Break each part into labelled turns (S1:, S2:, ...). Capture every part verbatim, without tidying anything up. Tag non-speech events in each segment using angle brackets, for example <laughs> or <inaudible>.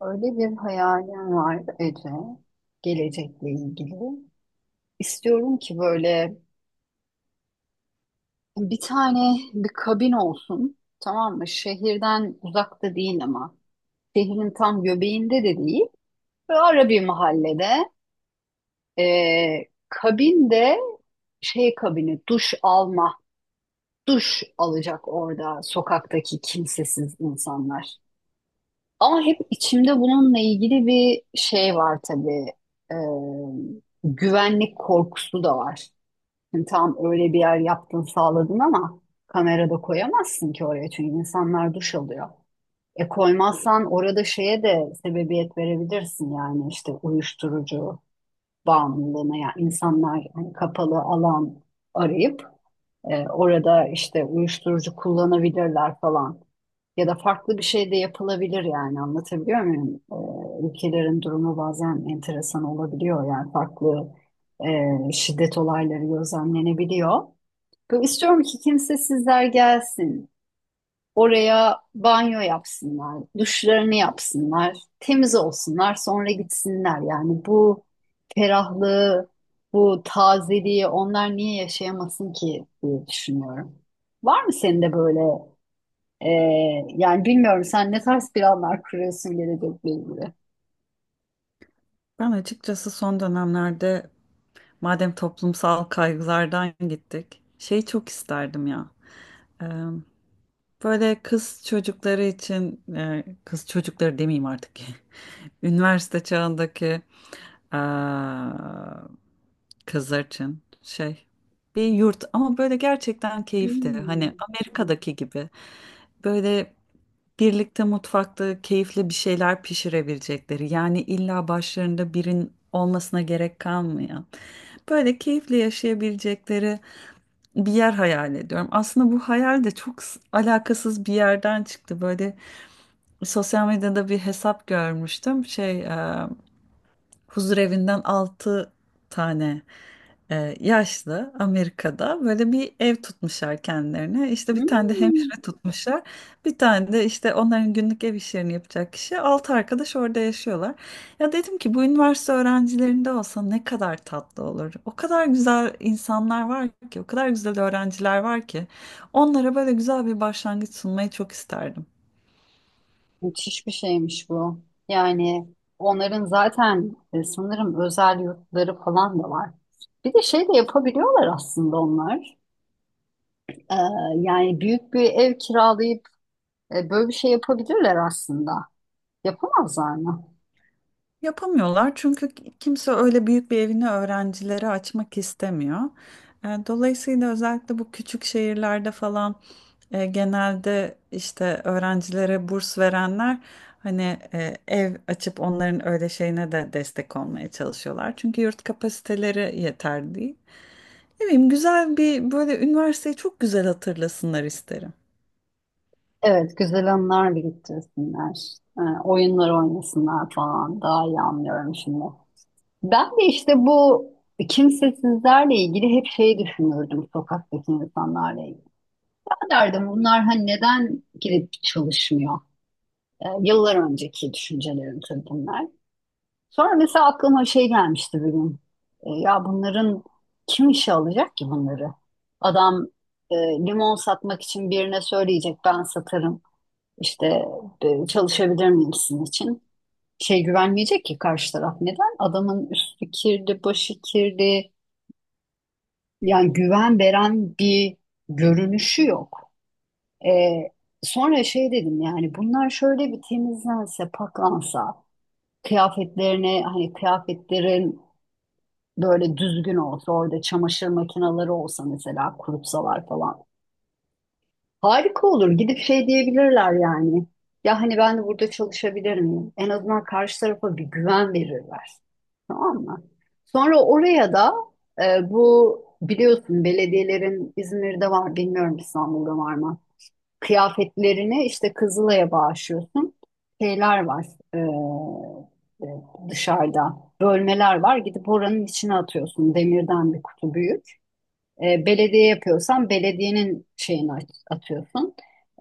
S1: Öyle bir hayalim var Ece, gelecekle ilgili. İstiyorum ki böyle bir tane bir kabin olsun, tamam mı? Şehirden uzakta değil ama şehrin tam göbeğinde de değil. Böyle ara bir mahallede, Ee, kabinde şey kabini, duş alma, duş alacak orada sokaktaki kimsesiz insanlar. Ama hep içimde bununla ilgili bir şey var tabii. Ee, güvenlik korkusu da var. Şimdi tam öyle bir yer yaptın sağladın ama kamerada koyamazsın ki oraya çünkü insanlar duş alıyor. E koymazsan orada şeye de sebebiyet verebilirsin yani işte uyuşturucu bağımlılığına, yani insanlar hani kapalı alan arayıp ee, orada işte uyuşturucu kullanabilirler falan. Ya da farklı bir şey de yapılabilir, yani anlatabiliyor muyum? Ee, ülkelerin durumu bazen enteresan olabiliyor, yani farklı e, şiddet olayları gözlemlenebiliyor. Böyle istiyorum ki kimsesizler gelsin. Oraya banyo yapsınlar, duşlarını yapsınlar, temiz olsunlar, sonra gitsinler. Yani bu ferahlığı, bu tazeliği onlar niye yaşayamasın ki diye düşünüyorum. Var mı senin de böyle e, yani bilmiyorum, sen ne tarz planlar kuruyorsun gelecekle ilgili?
S2: Ben açıkçası son dönemlerde madem toplumsal kaygılardan gittik, şeyi çok isterdim ya. Ee, Böyle kız çocukları için, e, kız çocukları demeyeyim artık. <laughs> Üniversite çağındaki Aa, Kızarçın şey bir yurt ama böyle gerçekten keyifli.
S1: Hmm.
S2: Hani Amerika'daki gibi böyle birlikte mutfakta keyifli bir şeyler pişirebilecekleri. Yani illa başlarında birin olmasına gerek kalmayan. Böyle keyifli yaşayabilecekleri bir yer hayal ediyorum. Aslında bu hayal de çok s- alakasız bir yerden çıktı. Böyle sosyal medyada bir hesap görmüştüm. Şey huzurevinden altı tane e, yaşlı Amerika'da böyle bir ev tutmuşlar kendilerine. İşte bir tane de
S1: Hmm.
S2: hemşire tutmuşlar. Bir tane de işte onların günlük ev işlerini yapacak kişi. altı arkadaş orada yaşıyorlar. Ya dedim ki bu üniversite öğrencilerinde olsa ne kadar tatlı olur. O kadar güzel insanlar var ki, o kadar güzel öğrenciler var ki. Onlara böyle güzel bir başlangıç sunmayı çok isterdim.
S1: Müthiş bir şeymiş bu. Yani onların zaten e, sanırım özel yurtları falan da var. Bir de şey de yapabiliyorlar aslında onlar. Ee, yani büyük bir ev kiralayıp e, böyle bir şey yapabilirler aslında. Yapamazlar mı?
S2: Yapamıyorlar çünkü kimse öyle büyük bir evini öğrencilere açmak istemiyor. E, Dolayısıyla özellikle bu küçük şehirlerde falan e, genelde işte öğrencilere burs verenler hani e, ev açıp onların öyle şeyine de destek olmaya çalışıyorlar. Çünkü yurt kapasiteleri yeter değil. Ne bileyim güzel bir böyle üniversiteyi çok güzel hatırlasınlar isterim.
S1: Evet, güzel anılar biriktirsinler. Ee, oyunlar oynasınlar falan. Daha iyi anlıyorum şimdi. Ben de işte bu kimsesizlerle ilgili hep şey düşünürdüm, sokaktaki insanlarla ilgili derdim bunlar hani neden girip çalışmıyor? Ee, yıllar önceki düşüncelerim tabii bunlar. Sonra mesela aklıma şey gelmişti bir gün. Ee, ya bunların kim işe alacak ki bunları? Adam e, limon satmak için birine söyleyecek ben satarım. İşte e, çalışabilir miyim sizin için? Şey güvenmeyecek ki karşı taraf. Neden? Adamın üstü kirli, başı kirli. Yani güven veren bir görünüşü yok. Ee, sonra şey dedim, yani bunlar şöyle bir temizlense, paklansa, kıyafetlerine hani kıyafetlerin böyle düzgün olsa, orada çamaşır makineleri olsa, mesela kurutsalar falan. Harika olur. Gidip şey diyebilirler yani. Ya hani ben de burada çalışabilirim. En azından karşı tarafa bir güven verirler. Tamam mı? Sonra oraya da e, bu biliyorsun belediyelerin İzmir'de var, bilmiyorum İstanbul'da var mı? Kıyafetlerini işte Kızılay'a bağışlıyorsun. Şeyler var, e, e, dışarıda bölmeler var, gidip oranın içine atıyorsun, demirden bir kutu büyük. E, belediye yapıyorsan belediyenin şeyini at- atıyorsun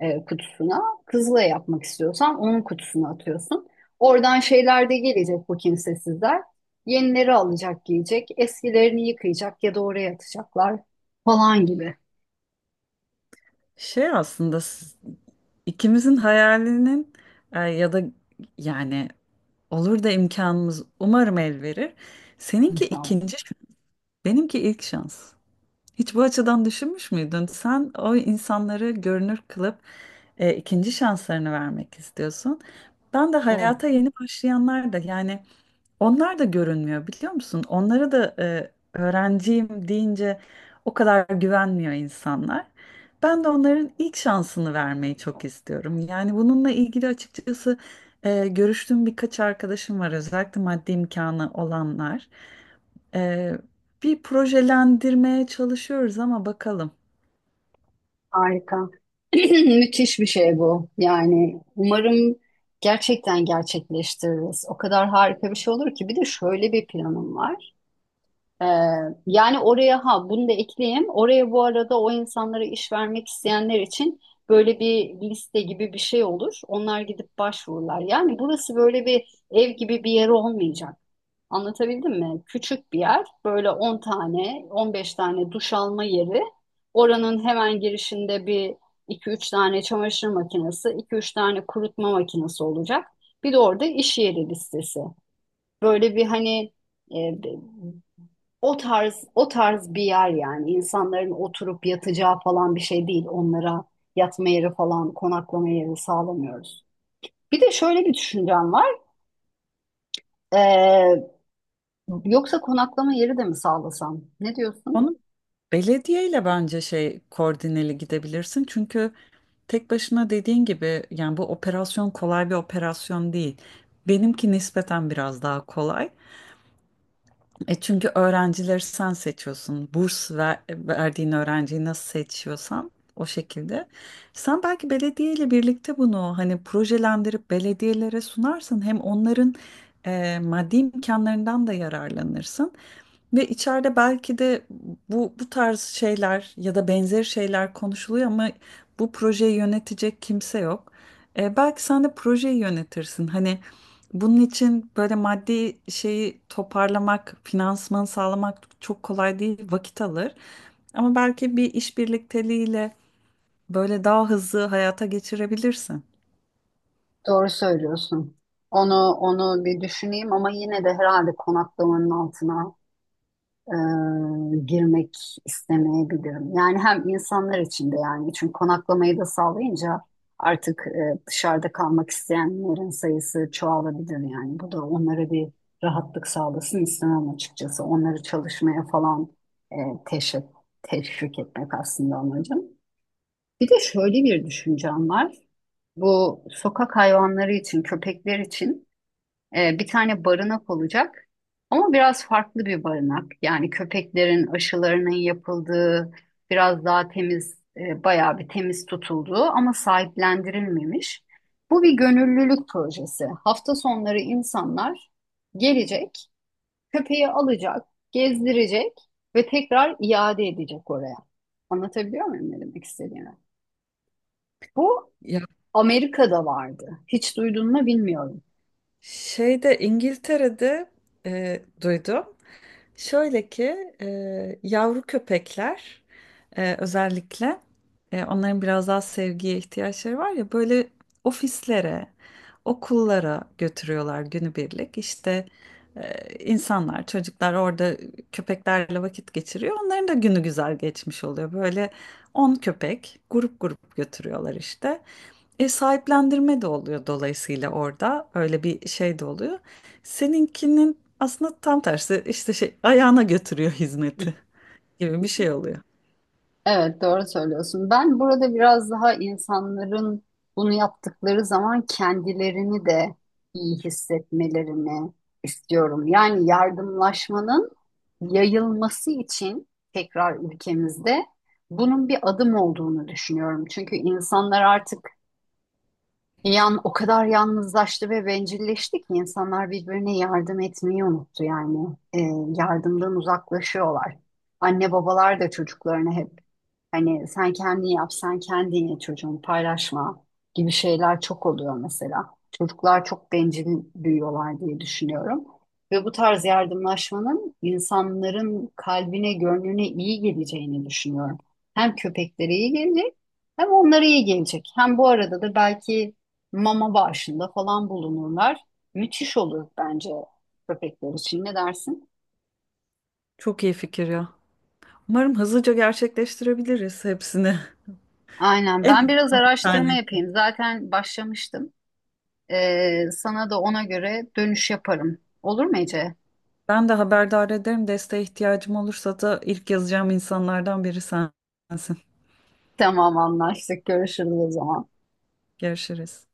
S1: e, kutusuna. Kızılay yapmak istiyorsan onun kutusuna atıyorsun. Oradan şeyler de gelecek bu kimsesizler. Yenileri alacak giyecek, eskilerini yıkayacak ya da oraya atacaklar falan gibi.
S2: Şey aslında s- ikimizin hayalinin e, ya da yani olur da imkanımız umarım el verir. Seninki
S1: İnşallah.
S2: ikinci, şans, benimki ilk şans. Hiç bu açıdan düşünmüş müydün? Sen o insanları görünür kılıp e, ikinci şanslarını vermek istiyorsun. Ben de
S1: Evet.
S2: hayata yeni başlayanlar da yani onlar da görünmüyor biliyor musun? Onlara da e, öğrenciyim deyince o kadar güvenmiyor insanlar. Ben de onların ilk şansını vermeyi çok istiyorum. Yani bununla ilgili açıkçası e, görüştüğüm birkaç arkadaşım var özellikle maddi imkanı olanlar. E, Bir projelendirmeye çalışıyoruz ama bakalım.
S1: Harika. <clears throat> Müthiş bir şey bu. Yani umarım gerçekten gerçekleştiririz. O kadar harika bir şey olur ki. Bir de şöyle bir planım var. Ee, yani oraya, ha, bunu da ekleyeyim. Oraya bu arada o insanlara iş vermek isteyenler için böyle bir liste gibi bir şey olur. Onlar gidip başvururlar. Yani burası böyle bir ev gibi bir yer olmayacak. Anlatabildim mi? Küçük bir yer, böyle on tane, on beş tane duş alma yeri. Oranın hemen girişinde bir iki üç tane çamaşır makinesi, iki üç tane kurutma makinesi olacak. Bir de orada iş yeri listesi. Böyle bir, hani, e, o tarz o tarz bir yer, yani insanların oturup yatacağı falan bir şey değil. Onlara yatma yeri falan, konaklama yeri sağlamıyoruz. Bir de şöyle bir düşüncem var. Ee, Yoksa konaklama yeri de mi sağlasam? Ne diyorsun?
S2: Onu belediyeyle bence şey koordineli gidebilirsin. Çünkü tek başına dediğin gibi yani bu operasyon kolay bir operasyon değil. Benimki nispeten biraz daha kolay. E çünkü öğrencileri sen seçiyorsun. Burs ver, verdiğin öğrenciyi nasıl seçiyorsan o şekilde. Sen belki belediyeyle birlikte bunu hani projelendirip belediyelere sunarsın. Hem onların e, maddi imkanlarından da yararlanırsın. Ve içeride belki de bu bu tarz şeyler ya da benzeri şeyler konuşuluyor ama bu projeyi yönetecek kimse yok. E, belki sen de projeyi yönetirsin. Hani bunun için böyle maddi şeyi toparlamak, finansmanı sağlamak çok kolay değil, vakit alır. Ama belki bir iş birlikteliğiyle böyle daha hızlı hayata geçirebilirsin.
S1: Doğru söylüyorsun. Onu onu bir düşüneyim, ama yine de herhalde konaklamanın altına e, girmek istemeyebilirim. Yani hem insanlar için de, yani çünkü konaklamayı da sağlayınca artık e, dışarıda kalmak isteyenlerin sayısı çoğalabilir yani. Bu da onlara bir rahatlık sağlasın istemem açıkçası. Onları çalışmaya falan e, teşvik, teşvik etmek aslında amacım. Bir de şöyle bir düşüncem var. Bu sokak hayvanları için, köpekler için e, bir tane barınak olacak. Ama biraz farklı bir barınak. Yani köpeklerin aşılarının yapıldığı, biraz daha temiz, e, bayağı bir temiz tutulduğu ama sahiplendirilmemiş. Bu bir gönüllülük projesi. Hafta sonları insanlar gelecek, köpeği alacak, gezdirecek ve tekrar iade edecek oraya. Anlatabiliyor muyum ne demek istediğimi? Bu
S2: Ya
S1: Amerika'da vardı. Hiç duydun mu bilmiyorum.
S2: şeyde İngiltere'de e, duydum. Şöyle ki e, yavru köpekler e, özellikle e, onların biraz daha sevgiye ihtiyaçları var ya böyle ofislere, okullara götürüyorlar günübirlik. İşte e, insanlar, çocuklar orada köpeklerle vakit geçiriyor. Onların da günü güzel geçmiş oluyor. Böyle on köpek grup grup götürüyorlar işte. E, sahiplendirme de oluyor dolayısıyla orada öyle bir şey de oluyor. Seninkinin aslında tam tersi işte şey ayağına götürüyor hizmeti gibi bir şey oluyor.
S1: Evet, doğru söylüyorsun. Ben burada biraz daha insanların bunu yaptıkları zaman kendilerini de iyi hissetmelerini istiyorum. Yani yardımlaşmanın yayılması için tekrar ülkemizde bunun bir adım olduğunu düşünüyorum. Çünkü insanlar artık Yan, o kadar yalnızlaştı ve bencilleşti ki, insanlar birbirine yardım etmeyi unuttu yani. Ee, yardımdan uzaklaşıyorlar. Anne babalar da çocuklarına hep hani sen kendin yap, sen kendin ye çocuğum, paylaşma gibi şeyler çok oluyor mesela. Çocuklar çok bencil büyüyorlar diye düşünüyorum. Ve bu tarz yardımlaşmanın insanların kalbine, gönlüne iyi geleceğini düşünüyorum. Hem köpeklere iyi gelecek, hem onlara iyi gelecek. Hem bu arada da belki mama bağışında falan bulunurlar. Müthiş olur bence köpekler için. Ne dersin?
S2: Çok iyi fikir ya. Umarım hızlıca gerçekleştirebiliriz hepsini. <laughs>
S1: Aynen. Ben
S2: En
S1: biraz araştırma
S2: yani
S1: yapayım. Zaten başlamıştım. Ee, sana da ona göre dönüş yaparım. Olur mu Ece?
S2: ben de haberdar ederim. Desteğe ihtiyacım olursa da ilk yazacağım insanlardan biri sensin.
S1: Tamam anlaştık. Görüşürüz o zaman.
S2: Görüşürüz.